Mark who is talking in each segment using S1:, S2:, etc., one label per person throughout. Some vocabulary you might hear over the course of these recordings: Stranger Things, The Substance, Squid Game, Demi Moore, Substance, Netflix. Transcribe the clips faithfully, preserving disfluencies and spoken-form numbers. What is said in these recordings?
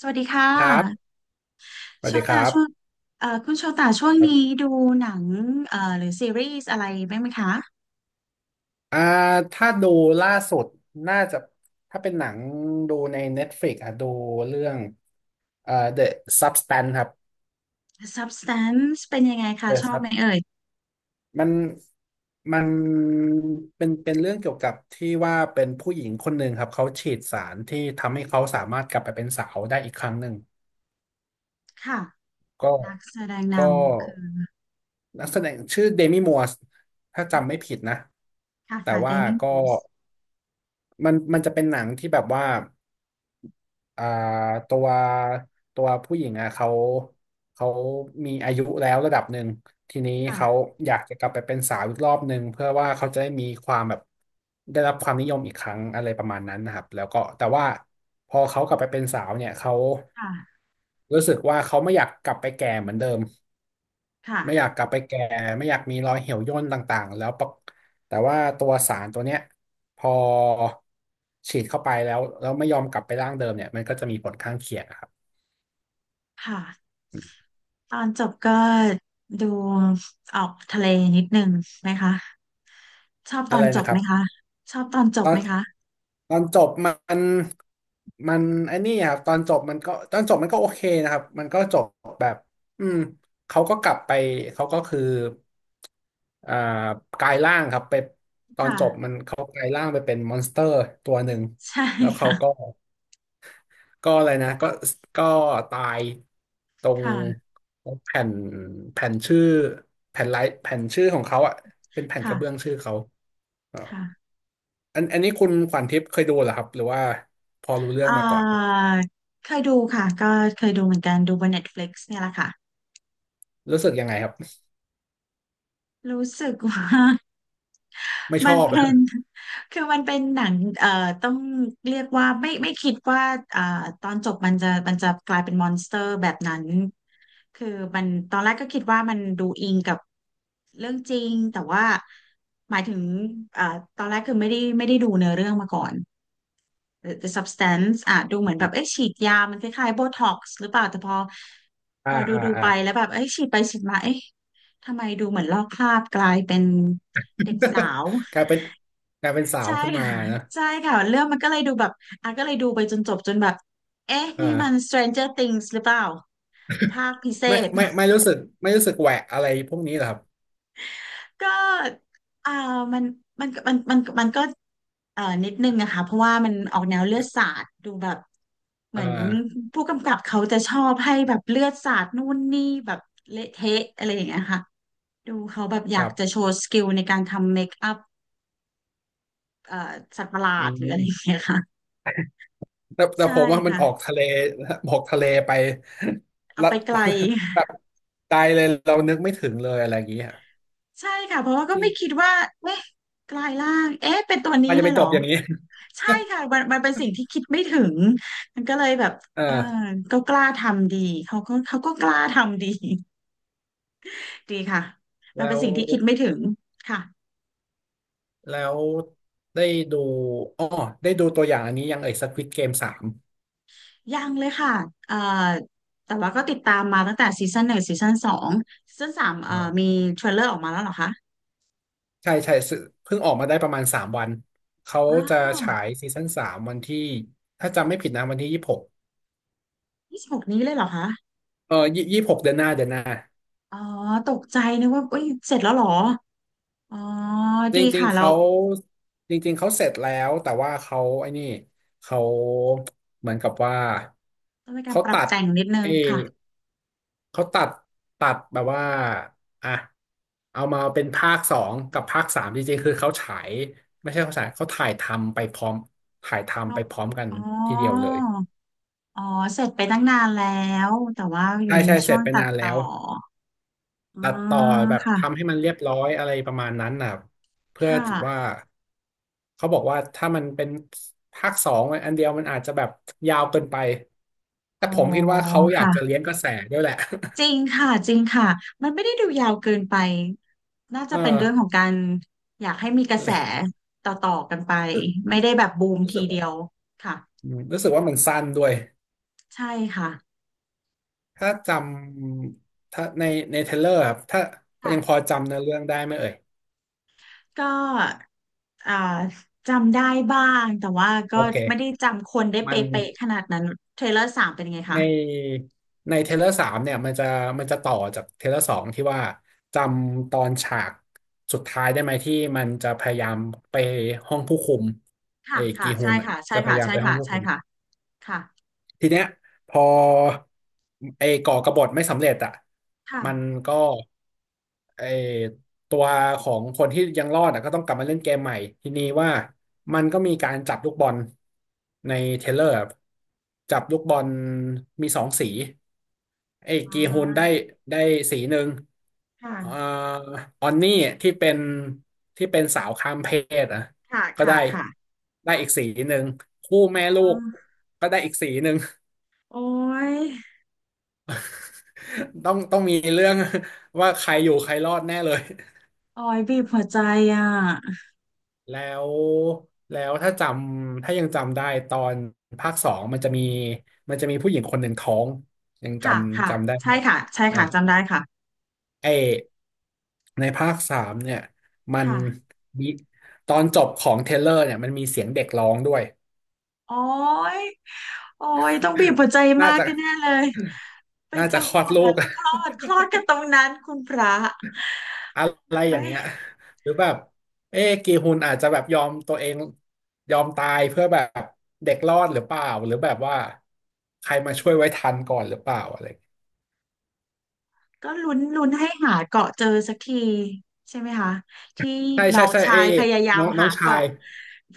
S1: สวัสดีค่
S2: ครับ
S1: ะ
S2: ส
S1: โช
S2: วัสดีค
S1: ตา
S2: รับ
S1: ช่วงเอ่อคุณโชตาช่วง
S2: ครั
S1: นี้
S2: บ
S1: ดูหนังเอ่อหรือซีรีส์อะไรบ้างไหมคะ
S2: อ่าถ้าดูล่าสุดน่าจะถ้าเป็นหนังดูใน Netflix อ่ะดูเรื่องเอ่อ The Substance ครับ
S1: Substance เป็นยังไงคะ
S2: The
S1: ชอบไหม
S2: Sub
S1: เอ่ย
S2: มันมันเป็นเป็นเรื่องเกี่ยวกับที่ว่าเป็นผู้หญิงคนหนึ่งครับเขาฉีดสารที่ทำให้เขาสามารถกลับไปเป็นสาวได้อีกครั้งหนึ่ง
S1: ค่ะ
S2: ก็
S1: นักแสดงน
S2: ก็
S1: ำคือ
S2: นักแสดงชื่อเดมี่มัวสถ้าจำไม่
S1: ค่ะ
S2: ผิดนะ
S1: ค่ะ
S2: แต่
S1: ค่ะเด
S2: ว่า
S1: มี่
S2: ก็
S1: มูส
S2: มันมันจะเป็นหนังที่แบบว่า อ่าตัวตัวผู้หญิงอ่ะเขาเขามีอายุแล้วระดับหนึ่งทีนี้เขา
S1: ค่ะ
S2: อยากจะกลับไปเป็นสาวอีกรอบหนึ่งเพื่อว่าเขาจะได้มีความแบบได้รับความนิยมอีกครั้งอะไรประมาณนั้นนะครับแล้วก็แต่ว่าพอเขากลับไปเป็นสาวเนี่ยเขา
S1: ค่ะ
S2: รู้สึกว่าเขาไม่อยากกลับไปแก่เหมือนเดิมไม่อยา
S1: ค่ะ
S2: กกลับไปแก่ไม่อยากมีรอยเหี่ยวย่นต่างๆแล้วปะแต่ว่าตัวสารตัวเนี้ย พอฉีดเข้าไปแล้วแล้วไม่ยอมกลับไปร่างเดิมเนี่ยมันก็จะมีผลข้างเคียงอะครับ
S1: ค่ะตอนจบก็ดูออกทะเลนิดนึงไหมคะชอบต
S2: อะ
S1: อ
S2: ไร
S1: นจ
S2: นะ
S1: บ
S2: ครั
S1: ไหมคะ
S2: บ
S1: ชอบตอนจ
S2: ต
S1: บ
S2: อ
S1: ไห
S2: น
S1: มคะ
S2: ตอนจบมันมันไอ้นี่ครับตอนจบมันก็ตอนจบมันก็โอเคนะครับมันก็จบแบบอืมเขาก็กลับไปเขาก็คืออ่ากลายร่างครับไปตอนจบมั
S1: ค่ะ
S2: นเขากลายร่างไปเป็นมอนสเตอร์ตัวหนึ่ง
S1: ใช่
S2: แล้วเขา
S1: ค่ะ
S2: ก็ ก็อะไรนะก็ก็ตายตรง
S1: ค่ะ
S2: ตรงแผ่นแผ่นชื่อแผ่นไลท์แผ่นชื่อของเขาอ่ะเป็นแผ่นกระเบื้อง
S1: ค่ะ
S2: ชื่อเขาอ่า
S1: ค่ะ
S2: อันอันนี้คุณขวัญทิพย์เคยดูเหรอครับหรือว่าพอรู้เรื่อง
S1: อ่า
S2: มาก่อนครับ
S1: เคยดูค่ะก็เคยดูเหมือนกันดูบน Netflix เนี่ยแหละค่ะ
S2: รู้สึกยังไงครับ
S1: รู้สึกว่า
S2: ไม่ช
S1: มั
S2: อ
S1: น
S2: บ
S1: เป็น คือมันเป็นหนังเอ่อต้องเรียกว่าไม่ไม่คิดว่าอ่าตอนจบมันจะมันจะกลายเป็นมอนสเตอร์แบบนั้นคือมันตอนแรกก็คิดว่ามันดูอิงกับเรื่องจริงแต่ว่าหมายถึงเอ่อตอนแรกคือไม่ได้ไม่ได้ดูเนื้อเรื่องมาก่อน the, the substance อ่ะดูเหมือนแบบเอ๊ะฉีดยามันคล้ายๆโบท็อกซ์หรือเปล่าแต่พอพ
S2: อ่า
S1: อดู
S2: อ่า
S1: ดู
S2: อ่า
S1: ไปแล้วแบบเอ๊ะฉีดไปฉีดมาเอ๊ะทำไมดูเหมือนลอกคราบกลายเป็นเด็กสาว
S2: กลายเป็นกลายเป็นสาว
S1: ใช่
S2: ขึ้นมา
S1: ค่ะ
S2: นะ
S1: ใช่ค่ะเรื่องมันก็เลยดูแบบอ่ะก็เลยดูไปจนจบจนแบบเอ๊ะ
S2: อ
S1: นี่มัน
S2: ่า
S1: Stranger Things หรือเปล่าภาคพิเศ
S2: ไม่
S1: ษ
S2: ไม่ไม่รู้สึกไม่รู้สึกแหวะอะไรพวกนี้เหรอครับ
S1: ก็อ่ามันมันมันมันมันก็เอ่อนิดนึงนะคะ เพราะว่ามันออกแนวเลือดสาดดูแบบเห
S2: อ่
S1: มือน
S2: า
S1: ผู้กำกับเขาจะชอบให้แบบเลือดสาดนู่นนี่แบบเละเทะอะไรอย่างเงี้ยค่ะดูเขาแบบอ
S2: ค
S1: ยา
S2: รั
S1: กจะโช
S2: บ
S1: ว์สกิลในการทำเมคอัพเอ่อสัตว์ประหลา
S2: อื
S1: ดหรืออะไรอย่าง
S2: ม
S1: เงี้ยค่ะ
S2: แต่แต่
S1: ใช่
S2: ผมว่ามัน
S1: ค่ะ
S2: ออกทะเลออกทะเลไป
S1: เอา
S2: ละ
S1: ไปไกล
S2: แบบตายเลยเรานึกไม่ถึงเลยอะไรอย่างเงี้ย
S1: ใช่ค่ะเพราะว่าก็
S2: จริ
S1: ไม่
S2: ง
S1: คิดว่าเอ๊ะกลายร่างเอ๊ะเป็นตัวนี้
S2: มันจะ
S1: เล
S2: ไป
S1: ยเหร
S2: จ
S1: อ
S2: บอย่างนี้
S1: ใช่ค่ะมันมันเป็นสิ่งที่คิดไม่ถึงมันก็เลยแบบ
S2: อ่า
S1: เออก็กล้าทำดีเขาก็เขาก็กล้าทำดี ดีค่ะมัน
S2: แล้
S1: เป็น
S2: ว
S1: สิ่งที่คิดไม่ถึงค่ะ
S2: แล้วได้ดูอ๋อได้ดูตัวอย่างอันนี้ยังเอ่ยักวิดเกมสาม
S1: ยังเลยค่ะเอ่อแต่ว่าก็ติดตามมาตั้งแต่ซีซั่นหนึ่งซีซั่นสองซีซั่นสามเอ่อมี
S2: อ่า
S1: เทรลเลอร์ออกมาแล้วเหรอคะ
S2: ใช่ใช่ซึ่งเพิ่งออกมาได้ประมาณสามวันเขา
S1: อ้า
S2: จะ
S1: ว
S2: ฉายซีซั่นสามวันที่ถ้าจำไม่ผิดนะวันที่ยี่สิบหก
S1: ยี่สิบหกนี้เลยเหรอคะ
S2: เออยี่สิบหกเดือนหน้าเดือนหน้า
S1: อ๋อตกใจนึกว่าเอ้ยเสร็จแล้วเหรออ๋อ
S2: จ
S1: ดี
S2: ริง
S1: ค่ะ
S2: ๆ
S1: แล้ว
S2: เขาจริงๆ เขาเสร็จแล้วแต่ว่าเขาไอ้นี่เขาเหมือนกับว่า
S1: ต้องมีการ
S2: เขา
S1: ปรับ
S2: ตัด
S1: แต่งนิดนึ
S2: เอ
S1: งค่ะ
S2: เขาตัดตัดแบบว่าอ่ะเอามาเป็นภาคสองกับภาคสามจริงๆ คือเขาฉายไม่ใช่เขาฉายเขาถ่ายทำไปพร้อมถ่าย
S1: ชอ
S2: ทำไป
S1: บ
S2: พร้อมกัน
S1: อ๋อ
S2: ทีเดียวเลย
S1: อ๋อ เสร็จไปตั้งนานแล้ว แต่ว่าอยู่
S2: ใช่
S1: ใน
S2: ใช่เส
S1: ช่ว
S2: ร็จ
S1: ง
S2: ไป
S1: ตัด
S2: นานแล้
S1: ต่อ
S2: ว
S1: อื
S2: ตัดต่อ
S1: ม
S2: แบบ
S1: ค่ะ
S2: ทำให้มันเรียบร้อยอะไรประมาณนั้นนะครับเพื่อ
S1: ค่ะ
S2: ถือว่าเขาบอกว่าถ้ามันเป็นภาคสองอันเดียวมันอาจจะแบบยาวเกินไป
S1: อ๋
S2: แต่
S1: อ
S2: ผมคิดว่าเขาอยากจะ
S1: ค่ะ
S2: เลี้ยงกระแสด้วยแหละ
S1: จริงค่ะ จริงค่ะ มันไม่ได้ดูยาวเกินไป น่า
S2: เอ
S1: จะ
S2: อ
S1: เป็นเรื่องของการอยากให้มีกระ
S2: เล
S1: แส
S2: ย
S1: ต่อๆกันไป ไม่ได้แบบบูม
S2: รู้
S1: ที
S2: สึก
S1: เดี
S2: ว่า
S1: ยวค่ะ
S2: อืมรู้สึกว่ามันสั้นด้วย
S1: ใช่ค่ะ
S2: ถ้าจำถ้าในในเทรลเลอร์ครับถ้า
S1: ค่ะ
S2: ยังพอจำเนื้อเรื่องได้ไหมเอ่ย
S1: ก็อ่าจำได้บ้างแต่ว่าก็
S2: โอเค
S1: ไม่ได้จำคนได้เป
S2: มัน
S1: ๊ะๆขนาดนั้นเทรลเลอร์สามเป็นยังไง
S2: ใ
S1: คะ
S2: นในเทเลอร์สามเนี่ยมันจะมันจะต่อจากเทเลอร์สองที่ว่าจำตอนฉากสุดท้ายได้ไหมที่มันจะพยายามไปห้องผู้คุมเอ
S1: ค่ะ
S2: อ
S1: ค่ะ
S2: กีฮุ
S1: ใช่
S2: นอะ
S1: ค่ะใช่
S2: จะพ
S1: ค่ะ
S2: ยายาม
S1: ใช่
S2: ไปห้อ
S1: ค่ะ
S2: งผู้
S1: ใช่
S2: คุม
S1: ค่ะค่ะ
S2: ทีเนี้ยพอไอ้ก่อกบฏไม่สำเร็จอ่ะ
S1: ค่ะ
S2: มันก็ไอ้ตัวของคนที่ยังรอดอ่ะก็ต้องกลับมาเล่นเกมใหม่ทีนี้ว่ามันก็มีการจับลูกบอลในเทเลอร์จับลูกบอลมีสองสีไอ้กี
S1: อ่า
S2: ฮุนได้ได้สีหนึ่ง
S1: ค่ะ
S2: เอ่อออนนี่ที่เป็นที่เป็นสาวข้ามเพศอ่ะ
S1: ค่ะ
S2: ก็
S1: ค่ะ
S2: ได้
S1: ค่ะ
S2: ได้อีกสีหนึ่งคู่
S1: อ
S2: แม่ลูก
S1: า
S2: ก็ได้อีกสีหนึ่ง
S1: โอ้ย
S2: ต้องต้องมีเรื่อง ว่าใครอยู่ใครรอดแน่เลย
S1: โอ้ยบีบหัวใจอ่ะ
S2: แล้วแล้วถ้าจำถ้ายังจำได้ตอนภาคสองมันจะมีมันจะมีผู้หญิงคนหนึ่งท้องยังจ
S1: ค่ะ
S2: ำ
S1: ค่ะ
S2: จำได้เล
S1: ใช่
S2: ย
S1: ค่ะใช่
S2: เออ
S1: ค่ะจำได้ค่ะ
S2: ไอในภาคสามเนี่ยมัน
S1: ค่ะ
S2: มีตอนจบของเทรลเลอร์เนี่ยมันมีเสียงเด็กร้องด้วย
S1: โอ้ยโอ้ยต้องบีบหัวใจ
S2: น่า
S1: มาก
S2: จะ
S1: แน่เลยเป็น
S2: น่าจะ
S1: จัง
S2: คล
S1: ห
S2: อด
S1: วะแบ
S2: ลูก
S1: บคลอดค ลอดกันตรงนั้นคุณพระ
S2: อะไรอ
S1: ไม่
S2: ย่างเงี้ย หรือแบบเอ๊ะกีฮุนอาจจะแบบยอมตัวเองยอมตายเพื่อแบบเด็กรอดหรือเปล่าหรือแบบว่าใครมาช่วยไว้ทันก่อนหรือเปล่าอะไรอย่างเงี้ย
S1: ก็ลุ้นลุ้นให้หาเกาะเจอสักทีใช่ไหมคะที่
S2: ใช่
S1: น้อ
S2: ใช่
S1: ง
S2: ใช่
S1: ชาย
S2: เอ๊ะ
S1: พยายา
S2: น้
S1: ม
S2: องน้อ
S1: หา
S2: งชาย
S1: เกาะ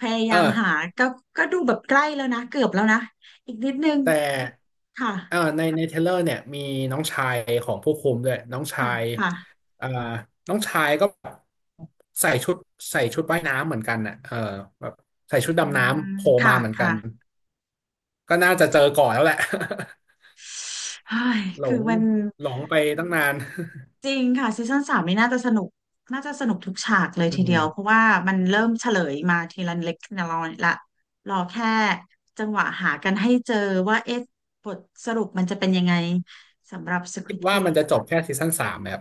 S1: พยา
S2: เอ
S1: ยา
S2: อ
S1: มหาก็ก็ดูแบบใกล้แล้วนะเกือบแล้วนะอีกนิดนึง
S2: แต่
S1: ค่ะ
S2: เออในในเทรลเลอร์เนี่ยมีน้องชายของผู้คุมด้วยน้องชา
S1: ค่ะ
S2: ย
S1: ค่ะ
S2: เอ่อน้องชายก็ใส่ชุดใส่ชุดว่ายน้ำเหมือนกันน่ะเออแบบใส่ชุด
S1: อื
S2: ดำ
S1: ม
S2: น้ำโผล่
S1: ค่ะ
S2: มาเหมือนกัน
S1: ค่ะ
S2: ก็น่าจะเจอก่อนแล้วแหละ
S1: เฮ้ย
S2: หล
S1: คือ
S2: ง
S1: มัน
S2: หลงไปตั้งนาน
S1: จริงค่ะซีซั่นสามนี่น่าจะสนุกน่าจะสนุกทุกฉากเลย
S2: อื
S1: ทีเดียวเพ
S2: ม
S1: ราะว่ามันเริ่มเฉลยมาทีละเล็กทีละน้อยละรอแค่จังหวะหากันให้เจอว่าเอ๊ะบทสรุปมันจะเป็นยังไงสำหรับ
S2: คิด
S1: Squid
S2: ว่ามัน
S1: Game
S2: จะจบแค่ซีซั่นสามแบบ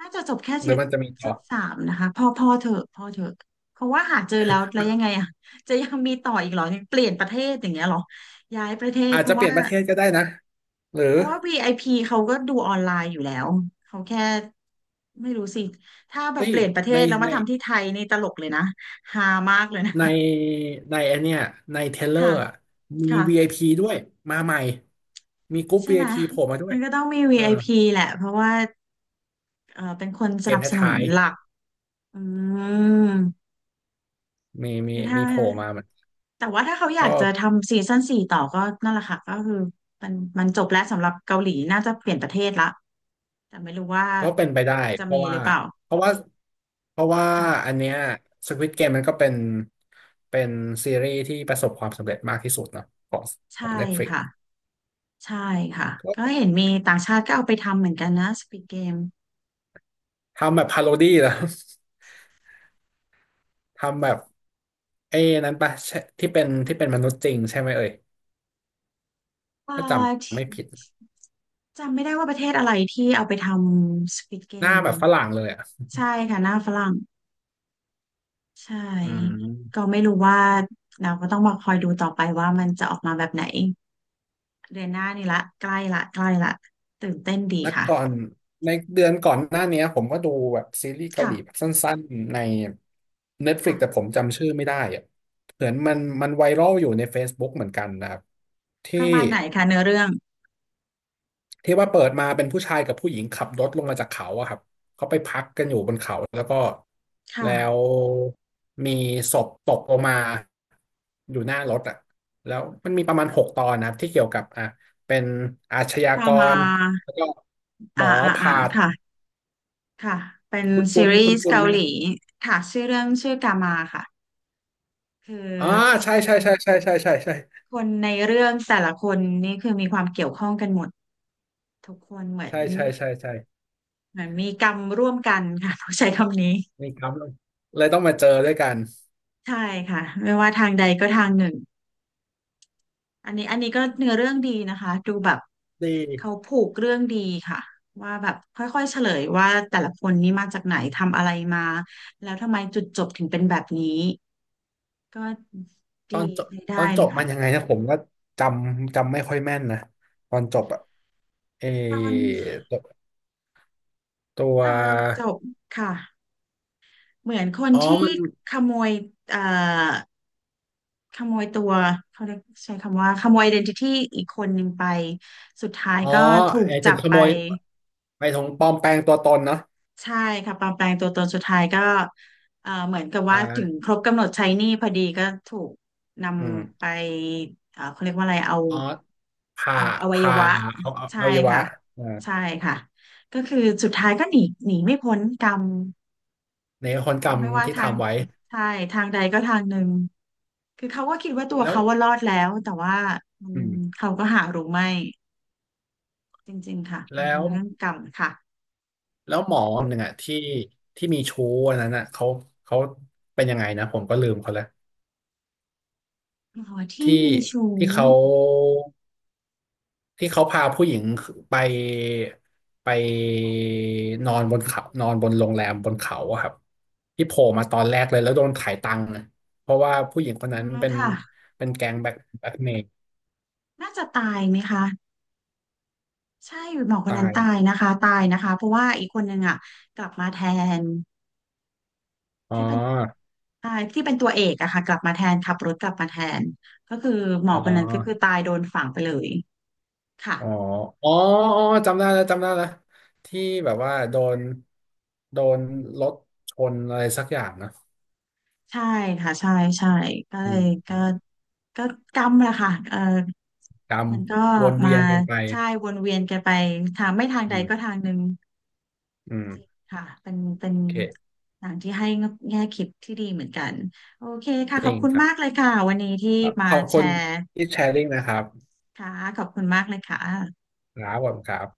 S1: น่าจะจบแค่
S2: ห
S1: ซี
S2: รือมันจะมีต่
S1: ซั่
S2: อ
S1: นสามนะคะพอพอเถอะพอเถอะเพราะว่าหาเจอแล้วแล้วยังไงอ่ะจะยังมีต่ออีกเหรอยังเปลี่ยนประเทศอย่างเงี้ยเหรอย้ายประเทศ
S2: อาจ
S1: เพ
S2: จะ
S1: ราะ
S2: เปลี่ย
S1: ว่า
S2: นประเทศก็ได้นะหรือ
S1: เพราะว่า วี ไอ พี เขาก็ดูออนไลน์อยู่แล้วเขาแค่ไม่รู้สิถ้าแบ
S2: เฮ้
S1: บเป
S2: ย
S1: ลี่ยนประเท
S2: ใน
S1: ศแล้วมา
S2: ใน
S1: ทำที่ไทยนี่ตลกเลยนะฮามากเลยนะ
S2: ในในไอนเนี้ยในเทเล อ
S1: ค่ะ
S2: ร์อะมี
S1: ค่ะ
S2: วี ไอ พี ด้วยมาใหม่มีกรุ๊ป
S1: ใช่ไหม
S2: วี ไอ พี โผล่มาด้ว
S1: มั
S2: ย
S1: นก็ต้องมี
S2: เออ
S1: วี ไอ พี แหละเพราะว่าเออเป็นคนส
S2: เก
S1: นั
S2: ม
S1: บ
S2: ท
S1: สนุน
S2: ้าย
S1: หลักอืม
S2: ๆมีมี
S1: ถ้า
S2: มีโผล่มาเหมือน
S1: แต่ว่าถ้าเขาอยา
S2: ก็
S1: กจะทำซีซั่นสี่ต่อก็นั่นแหละค่ะก็คือมันมันจบแล้วสำหรับเกาหลีน่าจะเปลี่ยนประเทศละแต่ไม่รู้ว่า
S2: ก็เป็นไปได้
S1: จะ
S2: เพ
S1: มี
S2: ราะ
S1: ห
S2: ว่า
S1: รือเปล่า
S2: เพราะว่าเพราะว่า
S1: ค่ะ
S2: อันเนี้ย Squid Game มันก็เป็นเป็นซีรีส์ที่ประสบความสำเร็จมากที่สุดเนาะของขอ
S1: ใช่
S2: ง Netflix
S1: ค่ะ ใช่ค่ะ
S2: ก
S1: ก็
S2: ็
S1: เห็นมีต่างชาติก็เอาไปทำเหมือนกันนะ Squid Game
S2: ทำแบบพาโรดี้แล้ว ทำแบบไอ้นั้นปะใช่ที่เป็นที่เป็นมนุษย์จริงใช่ไหมเอ่ย
S1: อ่า
S2: ถ้าจ
S1: ที่
S2: ำไม่ผิด
S1: จำไม่ได้ว่าประเทศอะไรที่เอาไปทำ Squid
S2: หน้า
S1: Game
S2: แบบฝรั่งเลยอ่ะ
S1: ใช่ค่ะหน้าฝรั่งใช่
S2: อื
S1: ก็
S2: ม
S1: ไม่รู้ว่าเราก็ต้องมาคอยดูต่อไปว่ามันจะออกมาแบบไหนเดือนหน้านี่ละใกล้ละใกล้ละตื่นเต้นดี
S2: แล้ว
S1: ค่ะ
S2: ก่อนในเดือนก่อนหน้าเนี้ยผมก็ดูแบบซีรีส์เกา
S1: ค่ะ
S2: หลีแบบสั้นๆใน Netflix แต่
S1: ค่ะ
S2: ผมจำชื่อไม่ได้อะเหมือนมันมันไวรัลอยู่ใน Facebook เหมือนกันนะครับ
S1: ป
S2: ที่
S1: ระมาณไหนคะเนื้อเรื่อง
S2: ที่ว่าเปิดมาเป็นผู้ชายกับผู้หญิงขับรถลงมาจากเขาอะครับเขาไปพักกันอยู่บนเขาแล้วก็
S1: ค
S2: แล้ว
S1: ่ะ
S2: มีศพตกลงมาอยู่หน้ารถอะแล้วมันมีประมาณหกตอนนะครับที่เกี่ยวกับอ่ะเป็นอาชญา
S1: เรา
S2: ก
S1: มา
S2: รแล้วก็หม
S1: อ่า
S2: อ
S1: อ่าอ่า
S2: ผ่า
S1: ค่ะ ค่ะเป็น
S2: คุณ
S1: ซี
S2: คุ้น
S1: รี
S2: คุณ
S1: ส์
S2: คุ้น
S1: เกา
S2: ไหม
S1: ห
S2: ครั
S1: ลี
S2: บ
S1: ค่ะชื่อเรื่องชื่อกามาค่ะคือ
S2: อ่า
S1: ค
S2: ใช่
S1: น
S2: ใช่ใช่ใช่ใช่ใช่ใช่
S1: คนในเรื่องแต่ละคนนี่คือมีความเกี่ยวข้องกันหมดทุกคนเหมือน
S2: ใช่ใช่ใช่ใช่
S1: เหมือนมีกรรมร่วมกันค่ะ ต้องใช้คำนี้
S2: นี่ครับเลยเลยต้องมาเจอด้วยกัน
S1: ใช่ค่ะไม่ว่าทางใดก็ทางหนึ่งอันนี้อันนี้ก็เนื้อเรื่องดีนะคะดูแบบ
S2: ดี
S1: เขาผูกเรื่องดีค่ะว่าแบบค่อยๆเฉลยว่าแต่ละคนนี่มาจากไหนทำอะไรมาแล้วทำไมจุดจบถึงเป็นแบบนี้ก็
S2: ตอ
S1: ดี
S2: นจบ
S1: ใช้
S2: ตอ
S1: ได้
S2: นจ
S1: เล
S2: บ
S1: ย
S2: มั
S1: ค่ะ
S2: นยังไงนะผมก็จำจำไม่ค่อยแม่นนะตอนจบอะเอ
S1: ตอน
S2: ตัวตัว
S1: ตอนจบค่ะเหมือนคน
S2: อ๋อ
S1: ที่
S2: มัน
S1: ขโมยเอ่อขโมยตัวเขาเรียกใช้คำว่าขโมย i d e ี t i t y อทีอีกคนหนึ่งไปสุดท้าย
S2: อ๋อ
S1: ก็ถูก
S2: ไอ้
S1: จั
S2: ถึง
S1: บ
S2: ข
S1: ไป
S2: โมยไปถงปลอมแปลงตัวตนเนาะ
S1: ใช่ค่ะปลอมแปลงตัวตนสุดท้ายก็เอ่อเหมือนกับ
S2: อ
S1: ว่าถึงค
S2: ่า
S1: รบกำหนดใช้หนี้พอดีก็ถูกน
S2: อื
S1: ำไป
S2: ม
S1: เอ่อเขาเรียกว่าอะไรเอา
S2: อ๋อผ่า
S1: เอาอวัย
S2: ผ่า
S1: วะ
S2: เอาเอา
S1: ใช่
S2: อวัยวะ
S1: ค่ะ
S2: อ่า
S1: ใช่ค่ะก็คือสุดท้ายก็หนีหนีไม่พ้นกรรม
S2: ในคน
S1: ทา
S2: กร
S1: ง
S2: รม
S1: ไม่ว่า
S2: ที่
S1: ทาง
S2: ทำไว้
S1: ใช่ทางใดก็ทางหนึ่งคือเขาก็คิดว่าตัว
S2: แล้ว
S1: เขาว่ารอดแล้วแต่ว่าอื
S2: อื
S1: ม
S2: ม
S1: เขาก็หารู้ไม่จริงๆค่ะมัน
S2: แล้
S1: เป็น
S2: ว
S1: เรื่องกรรมค่ะ
S2: แล้วหมอคนหนึ่งอะที่ที่มีชู้อันนั้นอะเขาเขาเป็นยังไงนะผมก็ลืมเขาแล้ว
S1: หมอที่
S2: ที่
S1: มีชู้
S2: ที่เขาที่เขาพาผู้หญิงไปไปนอนบนเขานอนบนโรงแรมบนเขาอะครับที่โผล่มาตอนแรกเลยแล้วโดนขายตังค์นะเพราะว่าผู้หญิงคน
S1: อ่า
S2: นั้นเป็น
S1: ค่ะ
S2: เป็นแก๊งแบ็คแบ็คเมย์
S1: น่าจะตายไหมคะใช่หมอคน
S2: ตา
S1: นั้น
S2: ย
S1: ตายนะคะตายนะคะเพราะว่าอีกคนนึงอ่ะกลับมาแทน
S2: อ๋อ
S1: ที่เป็นตายที่เป็นตัวเอกอะค่ะกลับมาแทนขับรถกลับมาแทนก็คือหมอ
S2: อ๋
S1: คนนั้นก็คือ
S2: อ
S1: ตายโดนฝังไปเลยค่ะ
S2: อ๋ออ๋ออ๋อจำได้แล้วจำได้แล้วที่แบบว่าโดนโดนรถชนอะไรสักอย่างนะ
S1: ใช่ค่ะใช่ใช่ก็เล
S2: อืม
S1: ย
S2: อื
S1: ก็
S2: ม
S1: ก็กำแหละค่ะเออ
S2: กรรม
S1: มันก็
S2: วน
S1: มา
S2: เวียนกันไป
S1: ใช่วนเวียนกันไปทางไม่ทาง
S2: อื
S1: ใด
S2: ม
S1: ก็ทางหนึ่ง
S2: อืม
S1: ค่ะเป็นเป็น
S2: โอเค
S1: หนังที่ให้แง่คิดที่ดีเหมือนกันโอเคค่ะ
S2: จ
S1: ขอ
S2: ริ
S1: บ
S2: ง
S1: คุณ
S2: ครับ
S1: มากเลยค่ะวันนี้ที่มา
S2: ขอบ
S1: แช
S2: คุณ
S1: ร์
S2: ที่แชร์ลิงนะครับ
S1: ค่ะขอบคุณมากเลยค่ะ
S2: ครับผมครับ